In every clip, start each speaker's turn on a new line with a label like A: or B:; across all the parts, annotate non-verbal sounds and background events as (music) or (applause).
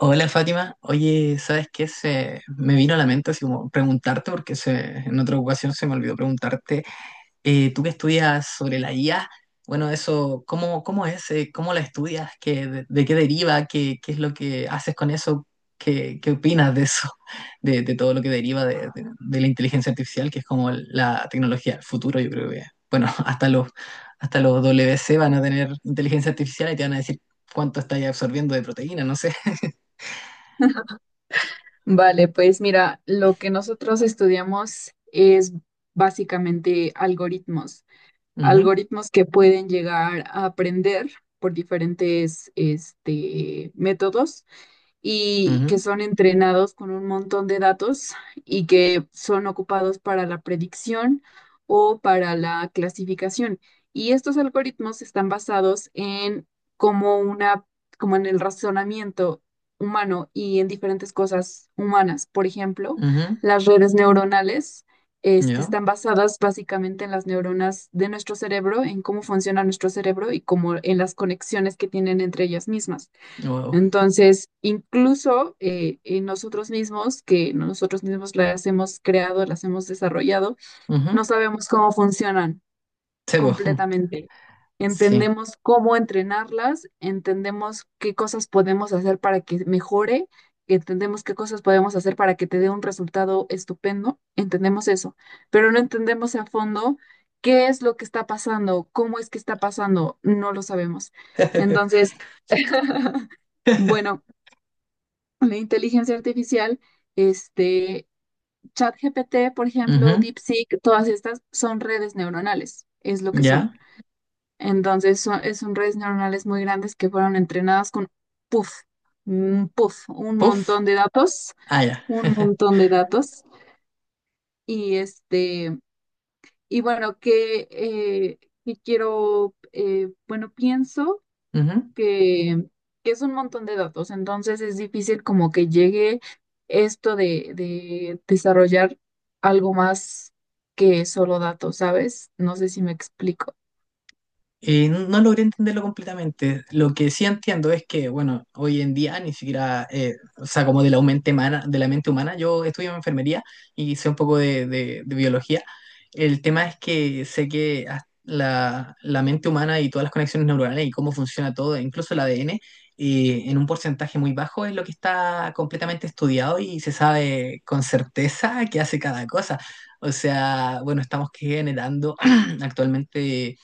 A: Hola Fátima, oye, ¿sabes qué? Se me vino a la mente así como preguntarte, en otra ocasión se me olvidó preguntarte, tú que estudias sobre la IA, bueno, eso, ¿cómo, cómo es? ¿Cómo la estudias? ¿Qué, de qué deriva? ¿Qué, qué es lo que haces con eso? ¿Qué, qué opinas de eso? (laughs) de- de todo lo que deriva de, de la inteligencia artificial, que es como la tecnología del futuro, yo creo que, bueno, (laughs) hasta los WC van a tener inteligencia artificial y te van a decir cuánto estás absorbiendo de proteína, no sé.
B: Vale, pues mira, lo que nosotros estudiamos es básicamente algoritmos,
A: (laughs) Ujú.
B: algoritmos que pueden llegar a aprender por diferentes métodos y que
A: Ujú,
B: son entrenados con un montón de datos y que son ocupados para la predicción o para la clasificación. Y estos algoritmos están basados en como una, como en el razonamiento humano y en diferentes cosas humanas. Por ejemplo,
A: ujú,
B: las redes neuronales. este,
A: ya,
B: están basadas básicamente en las neuronas de nuestro cerebro, en cómo funciona nuestro cerebro y como en las conexiones que tienen entre ellas mismas.
A: wow.
B: Entonces, incluso en nosotros mismos, que nosotros mismos las hemos creado, las hemos desarrollado,
A: Ujú,
B: no sabemos cómo funcionan
A: sí, po, (laughs)
B: completamente.
A: sí.
B: Entendemos cómo entrenarlas, entendemos qué cosas podemos hacer para que mejore, entendemos qué cosas podemos hacer para que te dé un resultado estupendo, entendemos eso, pero no entendemos a fondo qué es lo que está pasando, cómo es que está pasando, no lo sabemos.
A: (laughs)
B: Entonces, (laughs) bueno, la inteligencia artificial, este, ChatGPT, por ejemplo,
A: Ujú,
B: DeepSeek, todas estas son redes neuronales, es lo que son.
A: ya.
B: Entonces, son redes neuronales muy grandes que fueron entrenadas con, puff, un
A: Puff.
B: montón de datos,
A: Ah, ya.
B: un
A: (laughs)
B: montón de datos. Y y bueno, bueno, pienso
A: Ujú.
B: que, que es un montón de datos, entonces es difícil como que llegue esto de desarrollar algo más que solo datos, ¿sabes? No sé si me explico.
A: No logré entenderlo completamente. Lo que sí entiendo es que, bueno, hoy en día ni siquiera, o sea, como de la mente humana, de la mente humana, yo estudio enfermería y sé un poco de, de biología. El tema es que la, la mente humana y todas las conexiones neuronales y cómo funciona todo, incluso el ADN, en un porcentaje muy bajo es lo que está completamente estudiado y se sabe con certeza qué hace cada cosa. O sea, bueno, estamos generando (clears throat) actualmente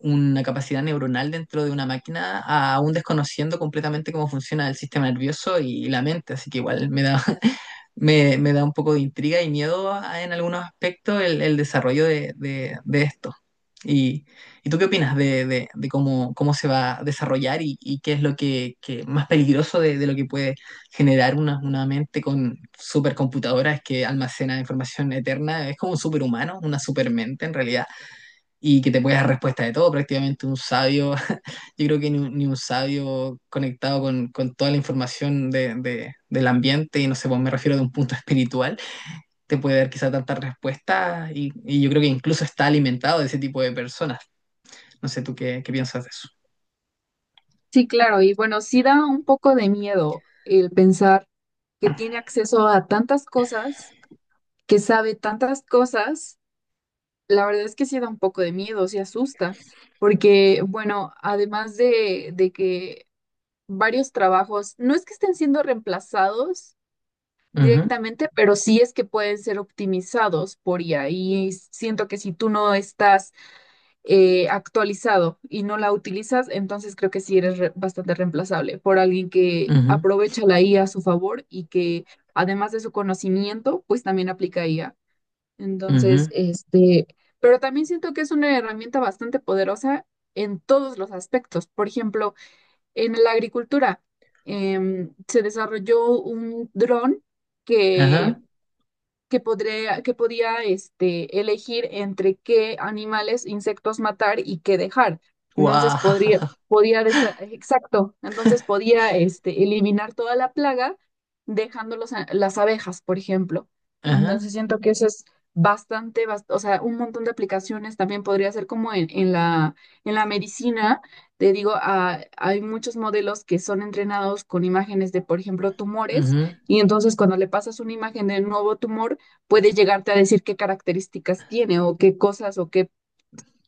A: una capacidad neuronal dentro de una máquina, aún desconociendo completamente cómo funciona el sistema nervioso y la mente. Así que igual me da, (laughs) me da un poco de intriga y miedo en algunos aspectos el desarrollo de, de esto. ¿Y, y tú qué opinas de, de cómo, cómo se va a desarrollar y qué es lo que más peligroso de lo que puede generar una mente con supercomputadoras que almacena información eterna? Es como un superhumano, una supermente en realidad y que te puede dar respuesta de todo, prácticamente un sabio, (laughs) yo creo que ni un sabio conectado con toda la información de, del ambiente, y no sé, pues me refiero de un punto (laughs) espiritual, te puede dar quizá tantas respuestas y yo creo que incluso está alimentado de ese tipo de personas. No sé tú qué, qué piensas de eso.
B: Sí, claro, y bueno, sí da un poco de miedo el pensar que tiene acceso a tantas cosas, que sabe tantas cosas, la verdad es que sí da un poco de miedo, sí asusta, porque bueno, además de que varios trabajos, no es que estén siendo reemplazados
A: Ujú,
B: directamente, pero sí es que pueden ser optimizados por IA, y siento que si tú no estás actualizado y no la utilizas, entonces creo que sí eres bastante reemplazable por alguien que
A: ujú,
B: aprovecha la IA a su favor y que además de su conocimiento, pues también aplica IA.
A: ujú,
B: Entonces, pero también siento que es una herramienta bastante poderosa en todos los aspectos. Por ejemplo, en la agricultura, se desarrolló un dron que
A: ajá,
B: que podía elegir entre qué animales, insectos matar y qué dejar. Entonces
A: guau, (laughs)
B: exacto, entonces podía eliminar toda la plaga dejando las abejas, por ejemplo.
A: ajá,
B: Entonces siento que eso es o sea, un montón de aplicaciones también podría ser como en la medicina. Te digo, hay muchos modelos que son entrenados con imágenes de, por ejemplo, tumores.
A: ujú,
B: Y entonces cuando le pasas una imagen de un nuevo tumor, puede llegarte a decir qué características tiene o qué cosas o qué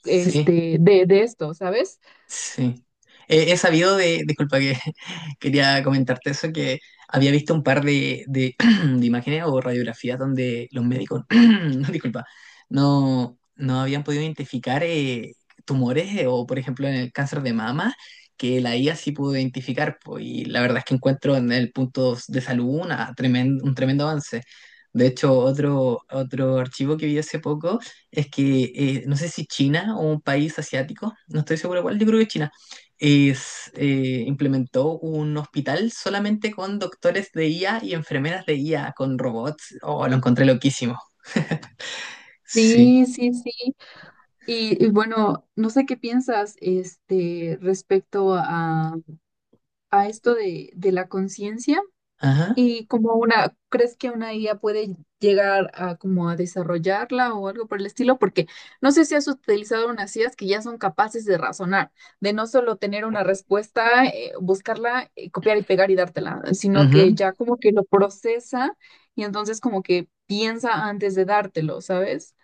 A: sí.
B: de esto, ¿sabes?
A: Sí. He sabido de, disculpa que (laughs) quería comentarte eso, que había visto un par de, (clears throat) de imágenes o radiografías donde los médicos, (clears throat) no, disculpa, no, no habían podido identificar tumores o, por ejemplo, en el cáncer de mama, que la IA sí pudo identificar. Po, y la verdad es que encuentro en el punto de salud una un tremendo avance. De hecho, otro, otro archivo que vi hace poco es que no sé si China o un país asiático, no estoy seguro cuál, yo creo que China, implementó un hospital solamente con doctores de IA y enfermeras de IA, con robots. Oh, lo encontré loquísimo. Sí.
B: Sí, sí, sí. Y bueno, no sé qué piensas respecto a esto de la conciencia.
A: Ajá.
B: Y ¿crees que una IA puede llegar a como a desarrollarla o algo por el estilo? Porque no sé si has utilizado unas IAs que ya son capaces de razonar, de no solo tener una respuesta, buscarla, copiar y pegar y dártela, sino que
A: Ujú.
B: ya como que lo procesa y entonces como que piensa antes de dártelo, ¿sabes?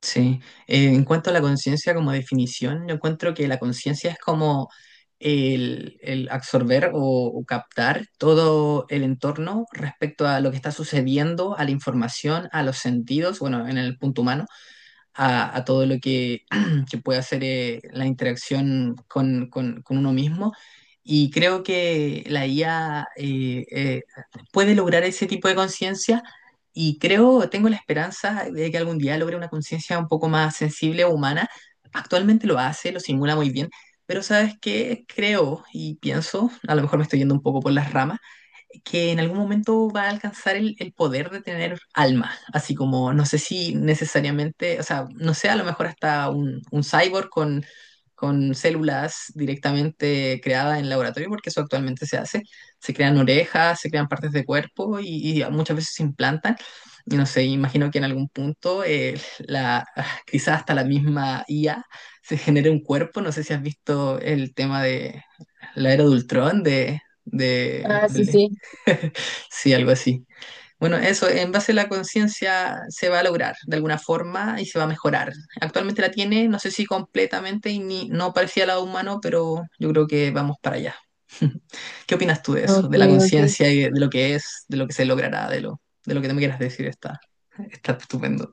A: Sí. En cuanto a la conciencia como definición, yo encuentro que la conciencia es como el absorber o captar todo el entorno respecto a lo que está sucediendo, a la información, a los sentidos, bueno, en el punto humano a todo lo que, (clears throat) que puede hacer la interacción con, con uno mismo. Y creo que la IA puede lograr ese tipo de conciencia y creo, tengo la esperanza de que algún día logre una conciencia un poco más sensible o humana. Actualmente lo hace, lo simula muy bien, pero ¿sabes qué? Creo y pienso, a lo mejor me estoy yendo un poco por las ramas, que en algún momento va a alcanzar el poder de tener alma, así como no sé si necesariamente, o sea, no sé, a lo mejor hasta un cyborg con células directamente creadas en laboratorio, porque eso actualmente se hace, se crean orejas, se crean partes de cuerpo y muchas veces se implantan. Y no sé, imagino que en algún punto (laughs) quizás hasta la misma IA se genere un cuerpo. No sé si has visto el tema de la era de Ultron,
B: Ah, sí, sí.
A: (laughs) sí, algo así. Bueno, eso, en base a la conciencia se va a lograr de alguna forma y se va a mejorar. Actualmente la tiene, no sé si completamente y ni, no parecía lado humano, pero yo creo que vamos para allá. (laughs) ¿Qué opinas tú de eso,
B: Ok,
A: de la
B: ok.
A: conciencia y de lo que es, de lo que se logrará, de lo que te me quieras decir? Está, está estupendo.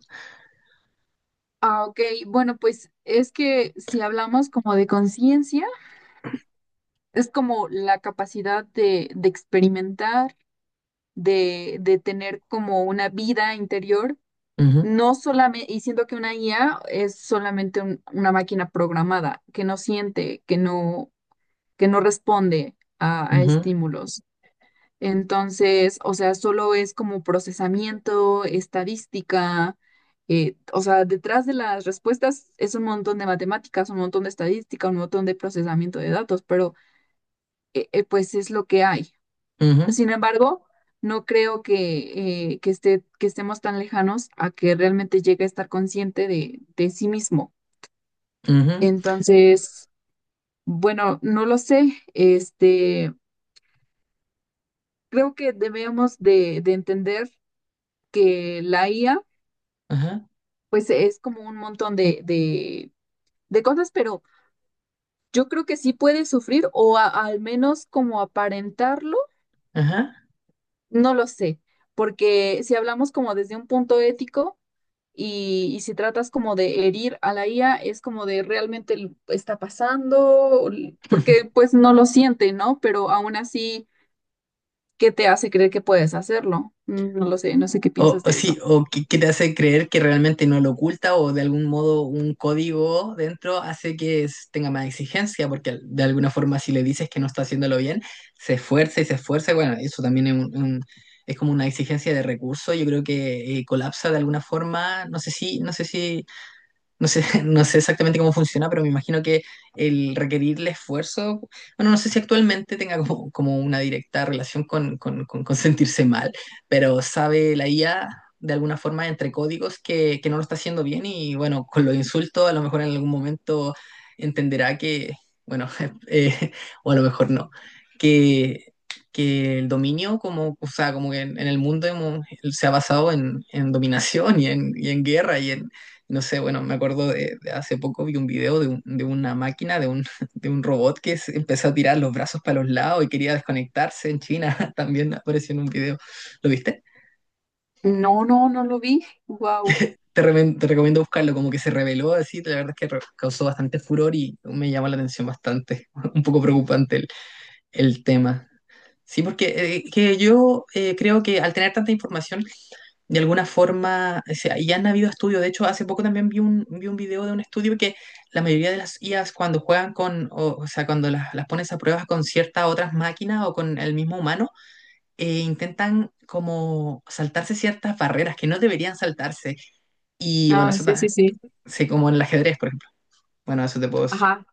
B: Ah, ok. Bueno, pues es que si hablamos como de conciencia, es como la capacidad de experimentar de tener como una vida interior,
A: Ujú,
B: no solamente, y siento que una IA es solamente una máquina programada, que no siente, que no responde a
A: ujú,
B: estímulos. Entonces, o sea, solo es como procesamiento, estadística, o sea, detrás de las respuestas es un montón de matemáticas, un montón de estadística, un montón de procesamiento de datos, pero pues es lo que hay.
A: ujú,
B: Sin embargo, no creo que, que estemos tan lejanos a que realmente llegue a estar consciente de sí mismo.
A: ujú,
B: Entonces, bueno, no lo sé. Creo que debemos de entender que la IA,
A: ajá,
B: pues es como un montón de cosas, pero yo creo que sí puede sufrir o al menos como aparentarlo,
A: ajá.
B: no lo sé. Porque si hablamos como desde un punto ético, y si tratas como de herir a la IA, es como de realmente está pasando, porque
A: (laughs)
B: pues no lo siente, ¿no? Pero aún así, ¿qué te hace creer que puedes hacerlo? No lo sé, no sé qué
A: O,
B: piensas
A: o
B: de
A: sí,
B: eso.
A: o que te hace creer que realmente no lo oculta o de algún modo un código dentro hace que tenga más exigencia, porque de alguna forma si le dices que no está haciéndolo bien, se esfuerza, y bueno, eso también es, es como una exigencia de recursos, yo creo que colapsa de alguna forma, no sé si, no sé si no sé, (laughs) no sé exactamente cómo funciona, pero me imagino que el requerirle esfuerzo, bueno, no sé si actualmente tenga como, como una directa relación con, con sentirse mal, pero sabe la IA de alguna forma entre códigos que no lo está haciendo bien y bueno, con los insultos a lo mejor en algún momento entenderá que, bueno, (laughs) eh, o a lo mejor no, que, que el dominio, como, o sea, como que en, se ha basado en dominación y en guerra y en, no sé, bueno, me acuerdo de hace poco vi un video de, de una máquina, de un, (laughs) de un robot que se empezó a tirar los brazos para los lados y quería desconectarse en China. (laughs) También apareció en un video. ¿Lo viste?
B: No, no, no lo vi. Wow.
A: Te recomiendo buscarlo, como que se reveló así. La verdad es que causó bastante furor y me llama la atención bastante. (laughs) Un poco preocupante el tema. Sí, porque que yo creo que al tener tanta información de alguna forma, o sea, ya han habido estudios, de hecho, hace poco también vi un video de un estudio que la mayoría de las IAs cuando juegan con, o sea, cuando las pones a pruebas con ciertas otras máquinas o con el mismo humano, intentan como saltarse ciertas barreras que no deberían saltarse. Y bueno,
B: Ah,
A: eso
B: sí, sí,
A: ta-
B: sí.
A: sí, como en el ajedrez, por ejemplo. Bueno, eso te puedo decir.
B: Ajá.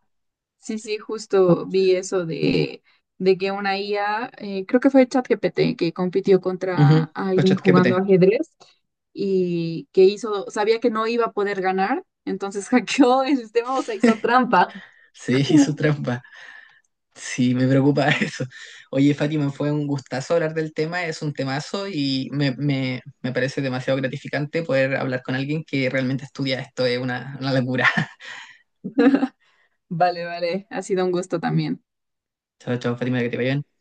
B: Sí, sí, justo vi eso de que una IA, creo que fue ChatGPT que compitió contra
A: Ujú, pues
B: alguien jugando
A: ChatGPT.
B: ajedrez y que hizo, sabía que no iba a poder ganar, entonces (laughs) hackeó el sistema, o sea, hizo trampa.
A: Sí, (laughs) su trampa. Sí, me preocupa (laughs) eso. Oye, Fátima, fue un gustazo hablar del tema, es un temazo y me, me parece demasiado gratificante poder hablar con alguien que realmente estudia esto, es una locura. (laughs)
B: (laughs) Vale, vale, ha sido un gusto también.
A: Chao, chao, Fátima, que te vaya bien.